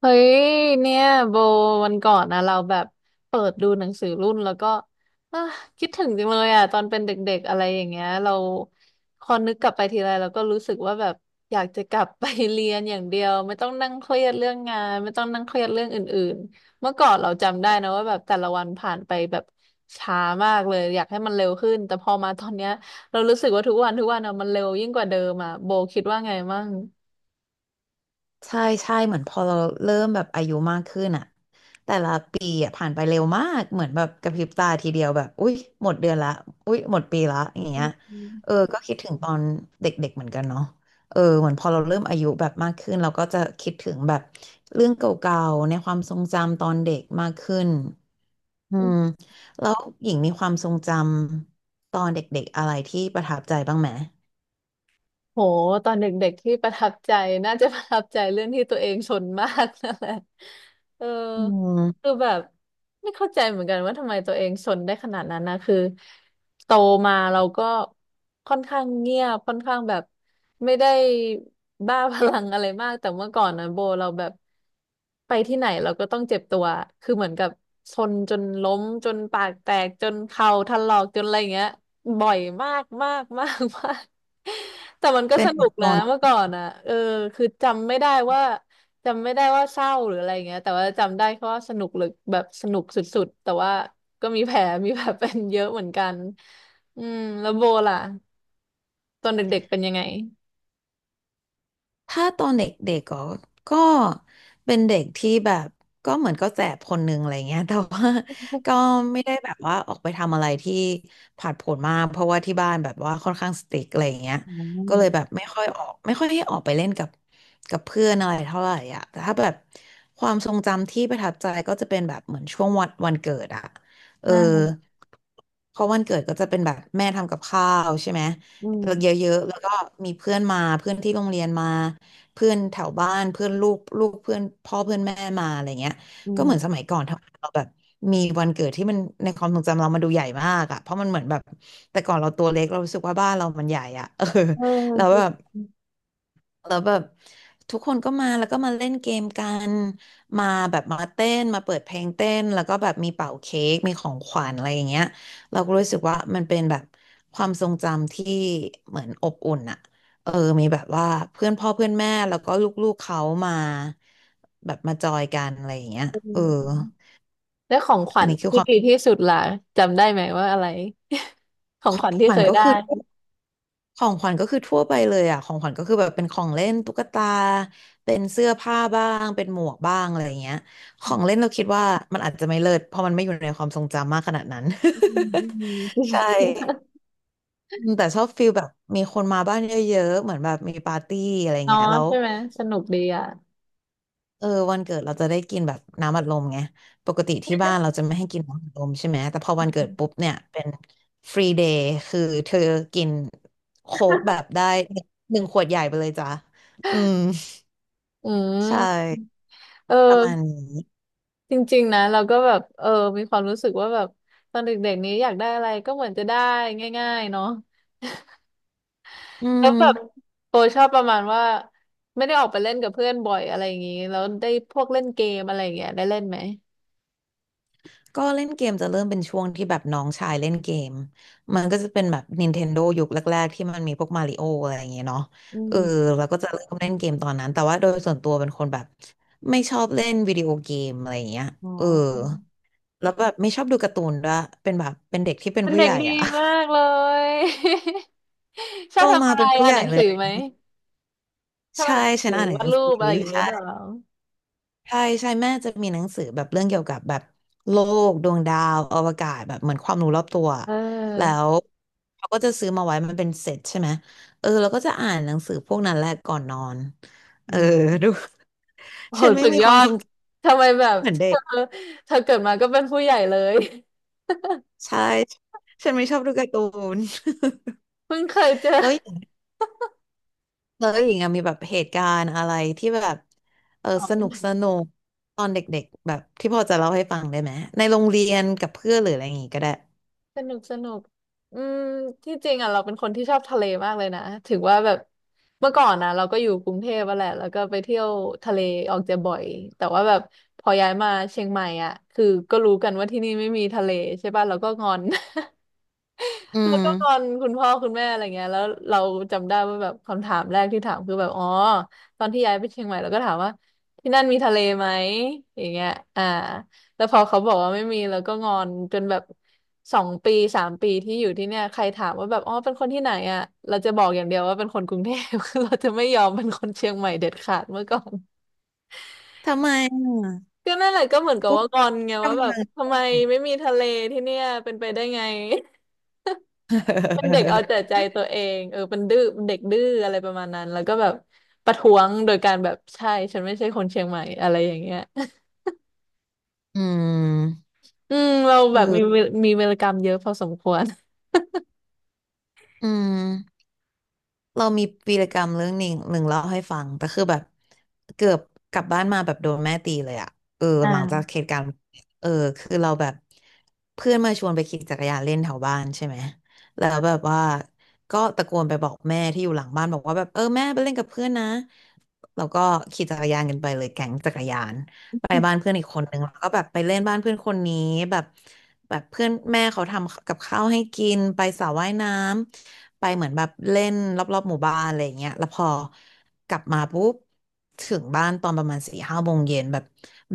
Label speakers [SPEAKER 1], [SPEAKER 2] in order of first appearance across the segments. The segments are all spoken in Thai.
[SPEAKER 1] เฮ้ยเนี่ยโบวันก่อนนะเราแบบเปิดดูหนังสือรุ่นแล้วก็อ่ะคิดถึงจังเลยอ่ะตอนเป็นเด็กๆอะไรอย่างเงี้ยเราพอนึกกลับไปทีไรเราก็รู้สึกว่าแบบอยากจะกลับไป เรียนอย่างเดียวไม่ต้องนั่งเครียดเรื่องงานไม่ต้องนั่งเครียดเรื่องอื่นๆเมื่อก่อนเราจำได้นะว่าแบบแต่ละวันผ่านไปแบบช้ามากเลยอยากให้มันเร็วขึ้นแต่พอมาตอนเนี้ยเรารู้สึกว่าทุกวันอะมันเร็วยิ่งกว่าเดิมอ่ะโบคิดว่าไงมั่ง
[SPEAKER 2] ใช่ใช่เหมือนพอเราเริ่มแบบอายุมากขึ้นอะแต่ละปีอะผ่านไปเร็วมากเหมือนแบบกระพริบตาทีเดียวแบบอุ๊ยหมดเดือนละอุ๊ยหมดปีละอย่าง
[SPEAKER 1] อื
[SPEAKER 2] เงี้ยเออ
[SPEAKER 1] ม
[SPEAKER 2] ก็คิดถึงตอนเด็กๆเหมือนกันเนาะเออเหมือนพอเราเริ่มอายุแบบมากขึ้นเราก็จะคิดถึงแบบเรื่องเก่าๆในความทรงจำตอนเด็กมากขึ้นอืมแล้วหญิงมีความทรงจำตอนเด็กๆอะไรที่ประทับใจบ้างไหม
[SPEAKER 1] โหตอนเด็กๆที่ประทับใจน่าจะประทับใจเรื่องที่ตัวเองชนมากนั่นแหละ เออ
[SPEAKER 2] อื
[SPEAKER 1] คือ
[SPEAKER 2] ม
[SPEAKER 1] แบบไม่เข้าใจเหมือนกันว่าทำไมตัวเองชนได้ขนาดนั้นนะคือโตมาเราก็ค่อนข้างเงียบค่อนข้างแบบไม่ได้บ้าพลังอะไรมากแต่เมื่อก่อนนะโบเราแบบไปที่ไหนเราก็ต้องเจ็บตัวคือเหมือนกับชนจนล้มจนปากแตกจนเข่าถลอกจนอะไรอย่างเงี้ยบ่อยมากมากมากมาก แต่มันก็
[SPEAKER 2] เป็น
[SPEAKER 1] ส
[SPEAKER 2] เด็
[SPEAKER 1] นุ
[SPEAKER 2] ก
[SPEAKER 1] ก
[SPEAKER 2] ตอ
[SPEAKER 1] นะ
[SPEAKER 2] น
[SPEAKER 1] เมื่อก่อนอ่ะเออคือจำไม่ได้ว่าเศร้าหรืออะไรเงี้ยแต่ว่าจำได้แค่ว่าสนุกหรือแบบสนุกสุดๆแต่ว่าก็มีแผลมีแผลเป็นเยอะเหมือนกันอืมแล้วโบล่ะตอนเด็กๆเป็นยังไง
[SPEAKER 2] ถ้าตอนเด็กๆก็เป็นเด็กที่แบบก็เหมือนก็แสบคนหนึ่งอะไรเงี้ยแต่ว่า ก็ไม่ได้แบบว่าออกไปทำอะไรที่ผาดโผนมากเพราะว่าที่บ้านแบบว่าค่อนข้างสตริกอะไรเงี้ย
[SPEAKER 1] อื
[SPEAKER 2] ก็เลยแบ
[SPEAKER 1] ม
[SPEAKER 2] บไม่ค่อยออกไม่ค่อยให้ออกไปเล่นกับเพื่อนอะไรเท่าไหร่อ่ะแต่ถ้าแบบความทรงจำที่ประทับใจก็จะเป็นแบบเหมือนช่วงวันวันเกิดอ่ะเออ
[SPEAKER 1] อ่า
[SPEAKER 2] เพราะวันเกิดก็จะเป็นแบบแม่ทำกับข้าวใช่ไหม
[SPEAKER 1] อื
[SPEAKER 2] เย
[SPEAKER 1] ม
[SPEAKER 2] อะๆแล้วก็มีเพื่อนมาเพื่อนที่โรงเรียนมา เพื่อนแถวบ้านเพื่อนลูกลูกเพื่อนพ่อเพื่อนแม่มาอะไรเงี้ย
[SPEAKER 1] อื
[SPEAKER 2] ก็เหมือนส
[SPEAKER 1] ม
[SPEAKER 2] มัยก่อนทำเราแบบมีวันเกิดที่มันในความทรงจำเรามันดูใหญ่มากอะเพราะมันเหมือนแบบแต่ก่อนเราตัวเล็กเรารู้สึกว่าบ้านเรามันใหญ่อะ เออ
[SPEAKER 1] เออ
[SPEAKER 2] แล้ว
[SPEAKER 1] คือ
[SPEAKER 2] แบบ แล้วแบบทุกคนก็มาแล้วก็มาเล่นเกมกันมาแบบมาเต้นมาเปิดเพลงเต้นแล้วก็แบบมีเป่าเค้กมีของขวัญอะไรอย่างเงี้ยเราก็รู้สึกว่ามันเป็นแบบความทรงจำที่เหมือนอบอุ่นอะเออมีแบบว่าเพื่อนพ่อเพื่อนแม่แล้วก็ลูกๆเขามาแบบมาจอยกันอะไรอย่างเงี้ยเออ
[SPEAKER 1] แล้วของขวั
[SPEAKER 2] อัน
[SPEAKER 1] ญ
[SPEAKER 2] นี้คือ
[SPEAKER 1] ที่
[SPEAKER 2] ความ
[SPEAKER 1] ดีที่สุดล่ะจำได้ไหมว่าอะไรของขวัญที่
[SPEAKER 2] ฝั
[SPEAKER 1] เค
[SPEAKER 2] น
[SPEAKER 1] ย
[SPEAKER 2] ก็
[SPEAKER 1] ได้
[SPEAKER 2] คือ ของขวัญก็คือทั่วไปเลยอ่ะของขวัญก็คือแบบเป็นของเล่นตุ๊กตา เป็นเสื้อผ้าบ้าง เป็นหมวกบ้างอะไรอย่างเงี้ยของเล่นเราคิดว่ามันอาจจะไม่เลิศเพราะมันไม่อยู่ในความทรงจำมากขนาดนั้น
[SPEAKER 1] อืมอืมอื
[SPEAKER 2] ใช่
[SPEAKER 1] ม
[SPEAKER 2] แต่ชอบฟีลแบบมีคนมาบ้านเยอะๆ เหมือนแบบมีปาร์ตี้อะไร
[SPEAKER 1] เนาะ
[SPEAKER 2] เงี้ยแล้ว
[SPEAKER 1] ใช่ไหมสนุกดีอ่ะ
[SPEAKER 2] เออวันเกิดเราจะได้กินแบบน้ำอัดลมไงปกติที่บ้านเราจะไม่ให้กินน้ำอัดลมใช่ไหมแต่พอวันเกิดปุ๊บเนี่ยเป็นฟรีเดย์คือเธอกินโค้กแบบได้หนึ่งขวดใหญ่ไปเลยจ้ะอืม
[SPEAKER 1] อื
[SPEAKER 2] ใช่
[SPEAKER 1] มเออ
[SPEAKER 2] ประมาณนี้
[SPEAKER 1] จริงๆนะเราก็แบบเออมีความรู้สึกว่าแบบตอนเด็กๆนี้อยากได้อะไรก็เหมือนจะได้ง่ายๆเนาะ
[SPEAKER 2] อื
[SPEAKER 1] แล้ว
[SPEAKER 2] ม
[SPEAKER 1] แบบโอชอบประมาณว่าไม่ได้ออกไปเล่นกับเพื่อนบ่อยอะไรอย่างนี้แล้วได้พวกเล่นเกมอะไรอย่างเงี้ยได้เล่นไหม
[SPEAKER 2] ก็เล่นเกมจะเริ่มเป็นช่วงที่แบบน้องชายเล่นเกมมันก็จะเป็นแบบ Nintendo ยุคแรกๆที่มันมีพวกมาริโออะไรอย่างเงี้ยเนาะ
[SPEAKER 1] อื
[SPEAKER 2] เออ
[SPEAKER 1] ม
[SPEAKER 2] แล้วก็จะเริ่มเล่นเกมตอนนั้นแต่ว่าโดยส่วนตัวเป็นคนแบบไม่ชอบเล่นวิดีโอเกมอะไรอย่างเงี้ย
[SPEAKER 1] อ๋
[SPEAKER 2] เออ
[SPEAKER 1] อ
[SPEAKER 2] แล้วแบบไม่ชอบดูการ์ตูนด้วยเป็นแบบเป็นเด็กที่เป็น
[SPEAKER 1] เป็น
[SPEAKER 2] ผู้
[SPEAKER 1] เด็
[SPEAKER 2] ให
[SPEAKER 1] ก
[SPEAKER 2] ญ่
[SPEAKER 1] ดี
[SPEAKER 2] อะ
[SPEAKER 1] มากเลย ช
[SPEAKER 2] โต
[SPEAKER 1] อบทำ
[SPEAKER 2] มา
[SPEAKER 1] อะไร
[SPEAKER 2] เป็นผู้
[SPEAKER 1] อ่า
[SPEAKER 2] ให
[SPEAKER 1] นห
[SPEAKER 2] ญ่
[SPEAKER 1] นัง
[SPEAKER 2] เล
[SPEAKER 1] สื
[SPEAKER 2] ย
[SPEAKER 1] อไหมชอบอ่า
[SPEAKER 2] ใช่
[SPEAKER 1] นหนัง
[SPEAKER 2] ฉั
[SPEAKER 1] สื
[SPEAKER 2] น
[SPEAKER 1] อ
[SPEAKER 2] อ่านหนัง
[SPEAKER 1] วาด
[SPEAKER 2] สือ
[SPEAKER 1] รูปอะไรอย่างเงี้ยหรือเปล่า
[SPEAKER 2] ใช่ ใช่ใช่แม่จะมีหนังสือแบบเรื่องเกี่ยวกับแบบโลกดวงดาวอวกาศแบบเหมือนความรู้รอบตัว
[SPEAKER 1] เ
[SPEAKER 2] แล้
[SPEAKER 1] ออ
[SPEAKER 2] วเขาก็จะซื้อมาไว้มันเป็นเซตใช่ไหมเออเราก็จะอ่านหนังสือพวกนั้นแหละก่อนนอนเออดู
[SPEAKER 1] โห
[SPEAKER 2] ฉันไม่
[SPEAKER 1] สุด
[SPEAKER 2] มี
[SPEAKER 1] ย
[SPEAKER 2] ค
[SPEAKER 1] อ
[SPEAKER 2] วามท
[SPEAKER 1] ด
[SPEAKER 2] รงจ
[SPEAKER 1] ทำไมแบบ
[SPEAKER 2] ำเหมือนเด็ก
[SPEAKER 1] เธอเธอเกิดมาก็เป็นผู้ใหญ่เลย
[SPEAKER 2] ใช่ฉันไม่ชอบดูการ์ตูน
[SPEAKER 1] เพิ่งเคยเจอ
[SPEAKER 2] แล้วอย่างแล้วอย่างอะมีแบบเหตุการณ์อะไรที่แบบเออ
[SPEAKER 1] อ๋
[SPEAKER 2] สนุก
[SPEAKER 1] อ
[SPEAKER 2] สนุกตอนเด็กๆแบบที่พอจะเล่าให้ฟังได้ไหมในโรงเรียนกับเพื่อนหรืออะไรอย่างงี้ก็ได้
[SPEAKER 1] สนุกสนุกอืมที่จริงอ่ะเราเป็นคนที่ชอบทะเลมากเลยนะถึงว่าแบบเมื่อก่อนนะเราก็อยู่กรุงเทพอะแหละแล้วก็ไปเที่ยวทะเลออกจะบ่อยแต่ว่าแบบพอย้ายมาเชียงใหม่อ่ะคือก็รู้กันว่าที่นี่ไม่มีทะเลใช่ป่ะเราก็งอน
[SPEAKER 2] อื
[SPEAKER 1] แล้ว
[SPEAKER 2] ม
[SPEAKER 1] ก็งอนคุณพ่อคุณแม่อะไรเงี้ยแล้วเราจำได้ว่าแบบคำถามแรกที่ถามคือแบบอ๋อตอนที่ย้ายไปเชียงใหม่เราก็ถามว่าที่นั่นมีทะเลไหมอย่างเงี้ยอ่า แล้วพอเขาบอกว่าไม่มีแล้วก็งอนจนแบบสองปีสามปีที่อยู่ที่เนี่ยใครถามว่าแบบอ๋อเป็นคนที่ไหนอ่ะเราจะบอกอย่างเดียวว่าเป็นคนกรุงเทพ เราจะไม่ยอมเป็นคนเชียงใหม่เด็ดขาดเมื่อก่อน
[SPEAKER 2] ทำไมอะ
[SPEAKER 1] ก็นั่นแหละก็เหมือนกับ
[SPEAKER 2] อุ๊บ
[SPEAKER 1] ว่างอนไงว่า
[SPEAKER 2] กำ
[SPEAKER 1] แบบ
[SPEAKER 2] เนิด
[SPEAKER 1] ทำไมไม่มีทะเลที่เนี่ยเป็นไปได้ไง เป็นเด็กเอาแต่ใจ ตัวเองเออเป็นดื้อเป็นเด็กดื้ออะไรประมาณนั้นแล้วก็แบบประท้วงโดยการแบบใช่ฉันไม่ใช่คนเชียงใหม่อะไรอย่างเงี้ย
[SPEAKER 2] อืม
[SPEAKER 1] อืมเรา
[SPEAKER 2] เอ
[SPEAKER 1] แบบมี
[SPEAKER 2] อ
[SPEAKER 1] มีเวรกรรมเยอะพอสมควร
[SPEAKER 2] อืมเรามีวีรกรรมเรื่องหนึ่งเล่าให้ฟังแต่คือแบบเกือบกลับบ้านมาแบบโดนแม่ตีเลยอะเออ
[SPEAKER 1] อ่
[SPEAKER 2] หลังจากเห
[SPEAKER 1] า
[SPEAKER 2] ตุการณ์เออคือเราแบบเพื่อนมาชวนไปขี่จักรยานเล่นแถวบ้านใช่ไหมแล้วแบบว่าก็ตะโกนไปบอกแม่ที่อยู่หลังบ้านบอกว่าแบบเออแม่ไปเล่นกับเพื่อนนะแล้วก็ขี่จักรยานกันไปเลยแก๊งจักรยานไปบ้านเพื่อนอีกคนนึงแล้วก็แบบไปเล่นบ้านเพื่อนคนนี้แบบ แบบเพื่อนแม่เขาทำกับข้าวให้กินไปสระว่ายน้ำไปเหมือนแบบเล่นรอบๆหมู่บ้านอะไรอย่างเงี้ยแล้วพอกลับมาปุ๊บถึงบ้านตอนประมาณสี่ห้าโมงเย็นแบบ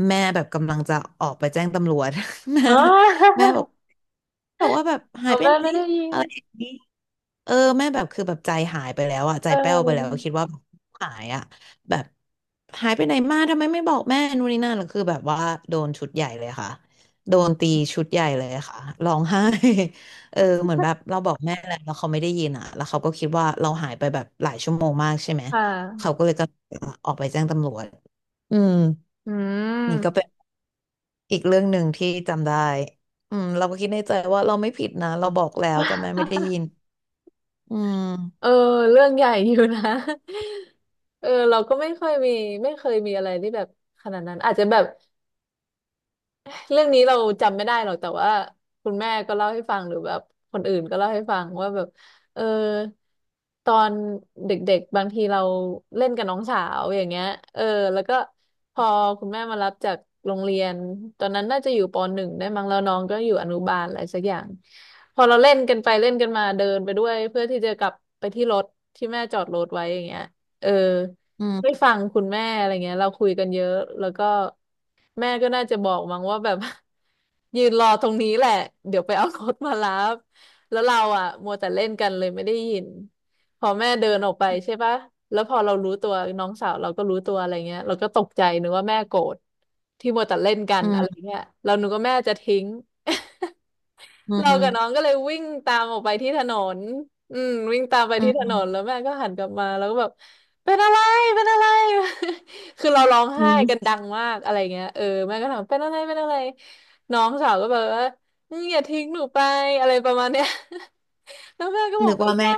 [SPEAKER 2] แม่แบบกำลังจะออกไปแจ้งตำรวจ แม่
[SPEAKER 1] อ๋อ
[SPEAKER 2] แม่บอก บอกว่าแบบหาย
[SPEAKER 1] เอา
[SPEAKER 2] ไป
[SPEAKER 1] แม่
[SPEAKER 2] ไหน
[SPEAKER 1] ไม่ได้ยิน
[SPEAKER 2] อะไรอย่างนี้ เออแม่แบบคือแบบใจหายไปแล้วอ่ะใจ
[SPEAKER 1] เ
[SPEAKER 2] แป้วไปแล้ว
[SPEAKER 1] ออ
[SPEAKER 2] คิดว่าหายอ่ะแบบหายไปไหนมาทำไมไม่บอกแม่นู่นนี่นั่นแล้วคือแบบว่าโดนชุดใหญ่เลยค่ะโดนตีชุดใหญ่เลยค่ะร้องไห้ เออเหมือนแบบเราบอกแม่แล้วเขาไม่ได้ยินอ่ะแล้วเขาก็คิดว่าเราหายไปแบบหลายชั่วโมงมากใช่ไหม
[SPEAKER 1] ค่
[SPEAKER 2] เขา
[SPEAKER 1] ะ
[SPEAKER 2] ก็เลยก็ออกไปแจ้งตำรวจอืม
[SPEAKER 1] อื
[SPEAKER 2] นี่ก็เป็
[SPEAKER 1] ม
[SPEAKER 2] นอีกเรื่องหนึ่งที่จำได้อืมเราก็คิดในใจว่าเราไม่ผิดนะเราบอกแล้วแต่แม่ไม่ได้ยินอื
[SPEAKER 1] เออ
[SPEAKER 2] ม
[SPEAKER 1] เรื่องใหญ่อยู่นะ เออ เราก็ไม่ค่อยมีไม่เคยมีอะไรที่แบบขนาดนั้นอาจจะแบบ เรื่องนี้เราจำไม่ได้หรอกแต่ว่าคุณแม่ก็เล่าให้ฟังหรือแบบคนอื่นก็เล่าให้ฟังว่าแบบเออตอนเด็กๆบางทีเราเล่นกับน้องสาวอย่างเงี้ยเออแล้วก็พอคุณแม่มารับจากโรงเรียนตอนนั้นน่าจะอยู่ปหนึ่งได้มั้งแล้วน้องก็อยู่อนุบาลอะไรสักอย่างพอเราเล่นกันไปเล่นกันมาเดินไปด้วยเพื่อที่จะกลับไปที่รถที่แม่จอดรถไว้อย่างเงี้ยเออ
[SPEAKER 2] อื
[SPEAKER 1] ไม่
[SPEAKER 2] ม
[SPEAKER 1] ฟังคุณแม่อะไรเงี้ยเราคุยกันเยอะแล้วก็แม่ก็น่าจะบอกมั้งว่าแบบ ยืนรอตรงนี้แหละเดี๋ยวไปเอารถมารับแล้วเราอ่ะมัวแต่เล่นกันเลยไม่ได้ยินพอแม่เดินออกไปใช่ปะแล้วพอเรารู้ตัวน้องสาวเราก็รู้ตัวอะไรเงี้ยเราก็ตกใจนึกว่าแม่โกรธที่มัวแต่เล่นกั
[SPEAKER 2] อื
[SPEAKER 1] นอะไร
[SPEAKER 2] ม
[SPEAKER 1] เงี้ยเรานึกว่าแม่จะทิ้ง
[SPEAKER 2] อื
[SPEAKER 1] เรากับน้อง
[SPEAKER 2] ม
[SPEAKER 1] ก็เลยวิ่งตามออกไปที่ถนนวิ่งตามไป
[SPEAKER 2] อื
[SPEAKER 1] ที่ถ
[SPEAKER 2] ม
[SPEAKER 1] นนแล้วแม่ก็หันกลับมาแล้วก็แบบเป็นอะไรเป็นอะไร คือเราร้อง
[SPEAKER 2] อื
[SPEAKER 1] ไห้กัน
[SPEAKER 2] ม
[SPEAKER 1] ดังมากอะไรเงี้ยเออแม่ก็ถามเป็นอะไรเป็นอะไรน้องสาวก็แบบว่าอย่าทิ้งหนูไปอะไรประมาณเนี้ย แล้วแม่ก็บอ
[SPEAKER 2] นึ
[SPEAKER 1] ก
[SPEAKER 2] ก
[SPEAKER 1] ไม่
[SPEAKER 2] ว่าแม่
[SPEAKER 1] ใช่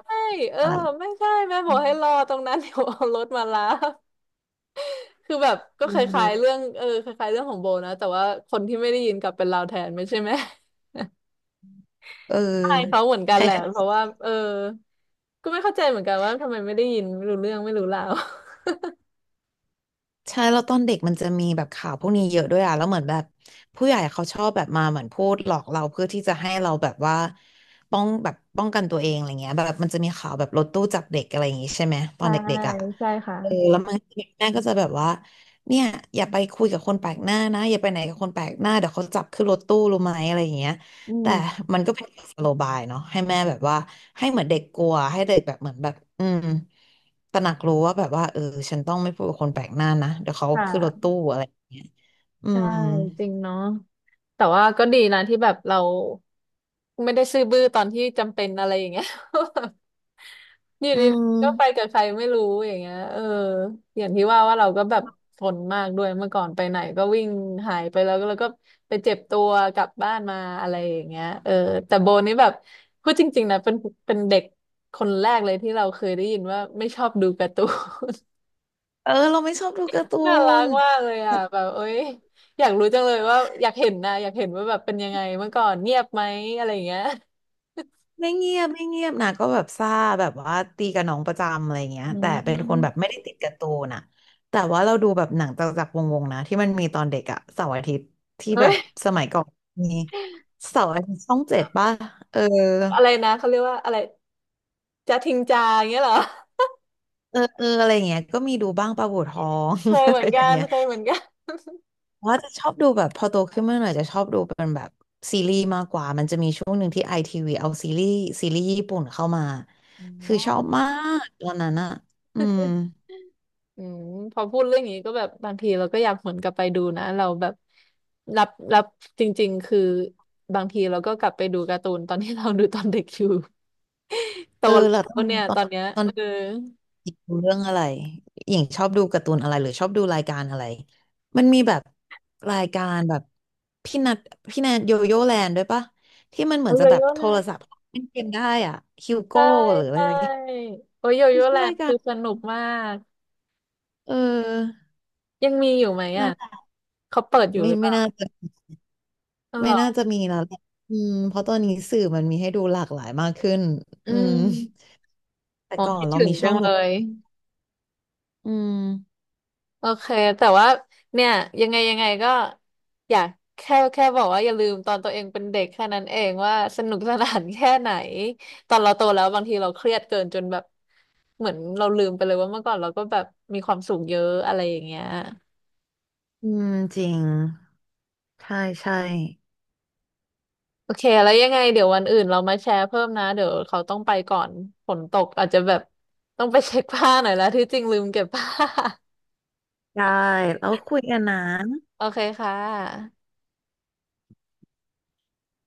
[SPEAKER 1] เออ
[SPEAKER 2] อะไร
[SPEAKER 1] ไม่ใช่แม่บ
[SPEAKER 2] อื
[SPEAKER 1] อก
[SPEAKER 2] ม
[SPEAKER 1] ให้รอตรงนั้น เดี๋ยวเอารถมารับคือแบบก็
[SPEAKER 2] เอ
[SPEAKER 1] คล้ายๆ
[SPEAKER 2] อ
[SPEAKER 1] เรื่องเออคล้ายๆเรื่องของโบนะแต่ว่าคนที่ไม่ได้ยินกลับเป็นเราแทนไม่ใช่ไหม
[SPEAKER 2] เออ
[SPEAKER 1] ใช่เขาเหมือนกั
[SPEAKER 2] ใค
[SPEAKER 1] น
[SPEAKER 2] ร
[SPEAKER 1] แหละเพราะว่าเออก็ไม่เข้าใจเหมือนกันว่าทำไมไม่ได้ยินไม่รู้เรื่องไม่รู้ราว
[SPEAKER 2] ใช่แล้วตอนเด็กมันจะมีแบบข่าวพวกนี้เยอะด้วยอ่ะแล้วเหมือนแบบผู้ใหญ่เขาชอบแบบมาเหมือนพูดหลอกเราเพื่อที่จะให้เราแบบว่าป้องกันตัวเองอะไรเงี้ยแบบมันจะมีข่าวแบบรถตู้จับเด็กอะไรอย่างงี้ใช่ไหมตอ
[SPEAKER 1] ใช่
[SPEAKER 2] นเด็กๆอ่ะ
[SPEAKER 1] ใช่ค่ะ
[SPEAKER 2] เออแล้วมันแม่ก็จะแบบว่าเนี่ยอย่าไปคุยกับคนแปลกหน้านะอย่าไปไหนกับคนแปลกหน้าเดี๋ยวเขาจับขึ้นรถตู้รู้ไหมอะไรอย่างเงี้ย
[SPEAKER 1] อื
[SPEAKER 2] แต่
[SPEAKER 1] ม
[SPEAKER 2] มันก็เป็นสโลบายเนาะให้แม่แบบว่าให้เหมือนเด็กกลัวให้เด็กแบบเหมือนแบบอืมตระหนักรู้ว่าแบบว่าเออฉันต้องไม่พูดกับคนแปลกหน้านะเดี๋ยวเขา
[SPEAKER 1] ค่ะ
[SPEAKER 2] ขึ้นรถตู้อะไรอย่างเงี้ยอื
[SPEAKER 1] ใช่
[SPEAKER 2] ม
[SPEAKER 1] จริงเนาะแต่ว่าก็ดีนะที่แบบเราไม่ได้ซื่อบื้อตอนที่จำเป็นอะไรอย่างเงี้ย อยู่
[SPEAKER 2] อื
[SPEAKER 1] ดีๆก็ไป
[SPEAKER 2] ม
[SPEAKER 1] กับใครไม่รู้อย่างเงี้ยเอออย่างที่ว่าว่าเราก็แบบทนมากด้วยเมื่อก่อนไปไหนก็วิ่งหายไปแล้วก็ไปเจ็บตัวกลับบ้านมาอะไรอย่างเงี้ยเออแต่โบนี่แบบพูดจริงๆนะเป็นเด็กคนแรกเลยที่เราเคยได้ยินว่าไม่ชอบดูการ์ตู
[SPEAKER 2] เออเราไม่ชอบดูการ์ตู
[SPEAKER 1] น น่ารัก
[SPEAKER 2] น
[SPEAKER 1] มากเลยอ่ะแบบเอ้ยอยากรู้จังเลยว่าอยากเห็นนะอยากเห็นว่าแบบเป็นยังไงเมื่อก่อนเงียบไหมอะไรอย่างเงี้ย
[SPEAKER 2] ไม่เงียบไม่เงียบนะก็แบบซ่าแบบว่าตีกับน้องประจำอะไรเงี้ย
[SPEAKER 1] อื
[SPEAKER 2] แต่เป็นคนแบบ
[SPEAKER 1] ม
[SPEAKER 2] ไม่ได้ติดการ์ตูนอะแต่ว่าเราดูแบบหนังจักรวงศ์ๆนะที่มันมีตอนเด็กอะเสาร์อาทิตย์ ที่
[SPEAKER 1] เอ้
[SPEAKER 2] แบ
[SPEAKER 1] ย
[SPEAKER 2] บสมัยก่อนมีเสาร์อาทิตย์ช่องเจ็ดป่ะเออ
[SPEAKER 1] อะไรนะเขาเรียกว่าอะไรจะทิ้งจาอย่างเงี้ยเหรอ
[SPEAKER 2] เออเอออะไรเงี้ยก็มีดูบ้างปลาบู่ทอง
[SPEAKER 1] เคย
[SPEAKER 2] อะ
[SPEAKER 1] เหมื
[SPEAKER 2] ไร
[SPEAKER 1] อน
[SPEAKER 2] อย่า
[SPEAKER 1] กั
[SPEAKER 2] ง
[SPEAKER 1] น
[SPEAKER 2] เงี้ย
[SPEAKER 1] เคยเหมือนกัน
[SPEAKER 2] ว่าจะชอบดูแบบพอโตขึ้นมาหน่อยจะชอบดูเป็นแบบซีรีส์มากกว่ามันจะมีช่วงหนึ่งที่ไอทีวีเอาซีรีส์ญี่ปุ่นเข้ามา
[SPEAKER 1] อ๋
[SPEAKER 2] คือชอบ
[SPEAKER 1] อ
[SPEAKER 2] มากตอนนั้นอะอืม
[SPEAKER 1] อืมพอพูดเรื่องนี้ก็แบบบางทีเราก็อยากหวนกลับไปดูนะเราแบบรับจริงๆคือบางทีเราก็กลับไปดูการ์ตูนตอนที่เราดูตอนเด็กอยู่โต
[SPEAKER 2] เออ
[SPEAKER 1] แล้
[SPEAKER 2] แล้ว
[SPEAKER 1] วเนี่ยตอนเนี้ย
[SPEAKER 2] ตอ
[SPEAKER 1] เอ
[SPEAKER 2] น
[SPEAKER 1] อ
[SPEAKER 2] ดูเรื่องอะไรอย่างชอบดูการ์ตูนอะไรหรือชอบดูรายการอะไรมันมีแบบรายการแบบพี่นัทพี่แนทโยโย่แลนด์ด้วยปะที่มันเหมื
[SPEAKER 1] โอ้
[SPEAKER 2] อน
[SPEAKER 1] โย
[SPEAKER 2] จะแบบ
[SPEAKER 1] โย่
[SPEAKER 2] โท
[SPEAKER 1] แล
[SPEAKER 2] ร
[SPEAKER 1] นด์
[SPEAKER 2] ศัพท์เล่นเกมได้อ่ะฮิวโก้
[SPEAKER 1] ใช่
[SPEAKER 2] หรืออะไร
[SPEAKER 1] ใช่
[SPEAKER 2] สักอย่าง
[SPEAKER 1] โอ้ยโย
[SPEAKER 2] มัน
[SPEAKER 1] โย่
[SPEAKER 2] ชื่
[SPEAKER 1] แล
[SPEAKER 2] อ
[SPEAKER 1] น
[SPEAKER 2] ราย
[SPEAKER 1] ด์
[SPEAKER 2] กา
[SPEAKER 1] คื
[SPEAKER 2] ร
[SPEAKER 1] อสนุกมาก
[SPEAKER 2] เออ
[SPEAKER 1] ยังมีอยู่ไหม
[SPEAKER 2] นั่
[SPEAKER 1] อ่ะ
[SPEAKER 2] นแหละ
[SPEAKER 1] เขาเปิดอยู่
[SPEAKER 2] ไม่
[SPEAKER 1] หรือเป
[SPEAKER 2] ไม่
[SPEAKER 1] ล่า
[SPEAKER 2] น่าจะ
[SPEAKER 1] อ๋อเหร
[SPEAKER 2] ไม่
[SPEAKER 1] อ
[SPEAKER 2] น่าจะมีแล้วแหละอืมเพราะตอนนี้สื่อมันมีให้ดูหลากหลายมากขึ้น
[SPEAKER 1] อื
[SPEAKER 2] อืม
[SPEAKER 1] ม
[SPEAKER 2] แต่
[SPEAKER 1] อ๋อ
[SPEAKER 2] ก่อน
[SPEAKER 1] คิด
[SPEAKER 2] เรา
[SPEAKER 1] ถึง
[SPEAKER 2] มีช่
[SPEAKER 1] จั
[SPEAKER 2] อ
[SPEAKER 1] ง
[SPEAKER 2] ง
[SPEAKER 1] เล
[SPEAKER 2] ดู
[SPEAKER 1] ย
[SPEAKER 2] อืม
[SPEAKER 1] โอเคแต่ว่าเนี่ยยังไงยังไงก็อยากแค่บอกว่าอย่าลืมตอนตัวเองเป็นเด็กแค่นั้นเองว่าสนุกสนานแค่ไหนตอนเราโตแล้วบางทีเราเครียดเกินจนแบบเหมือนเราลืมไปเลยว่าเมื่อก่อนเราก็แบบมีความสุขเยอะอะไรอย่างเงี้ย
[SPEAKER 2] อืมจริงใช่ใช่
[SPEAKER 1] โอเคแล้วยังไงเดี๋ยววันอื่นเรามาแชร์เพิ่มนะเดี๋ยวเขาต้องไปก่อนฝนตกอาจจะแบบต้องไปเช็คผ้าหน่อยแล้วที่จริงลืมเก็บผ้า
[SPEAKER 2] ได้แล้วคุยกันนะ
[SPEAKER 1] โอเคค่ะ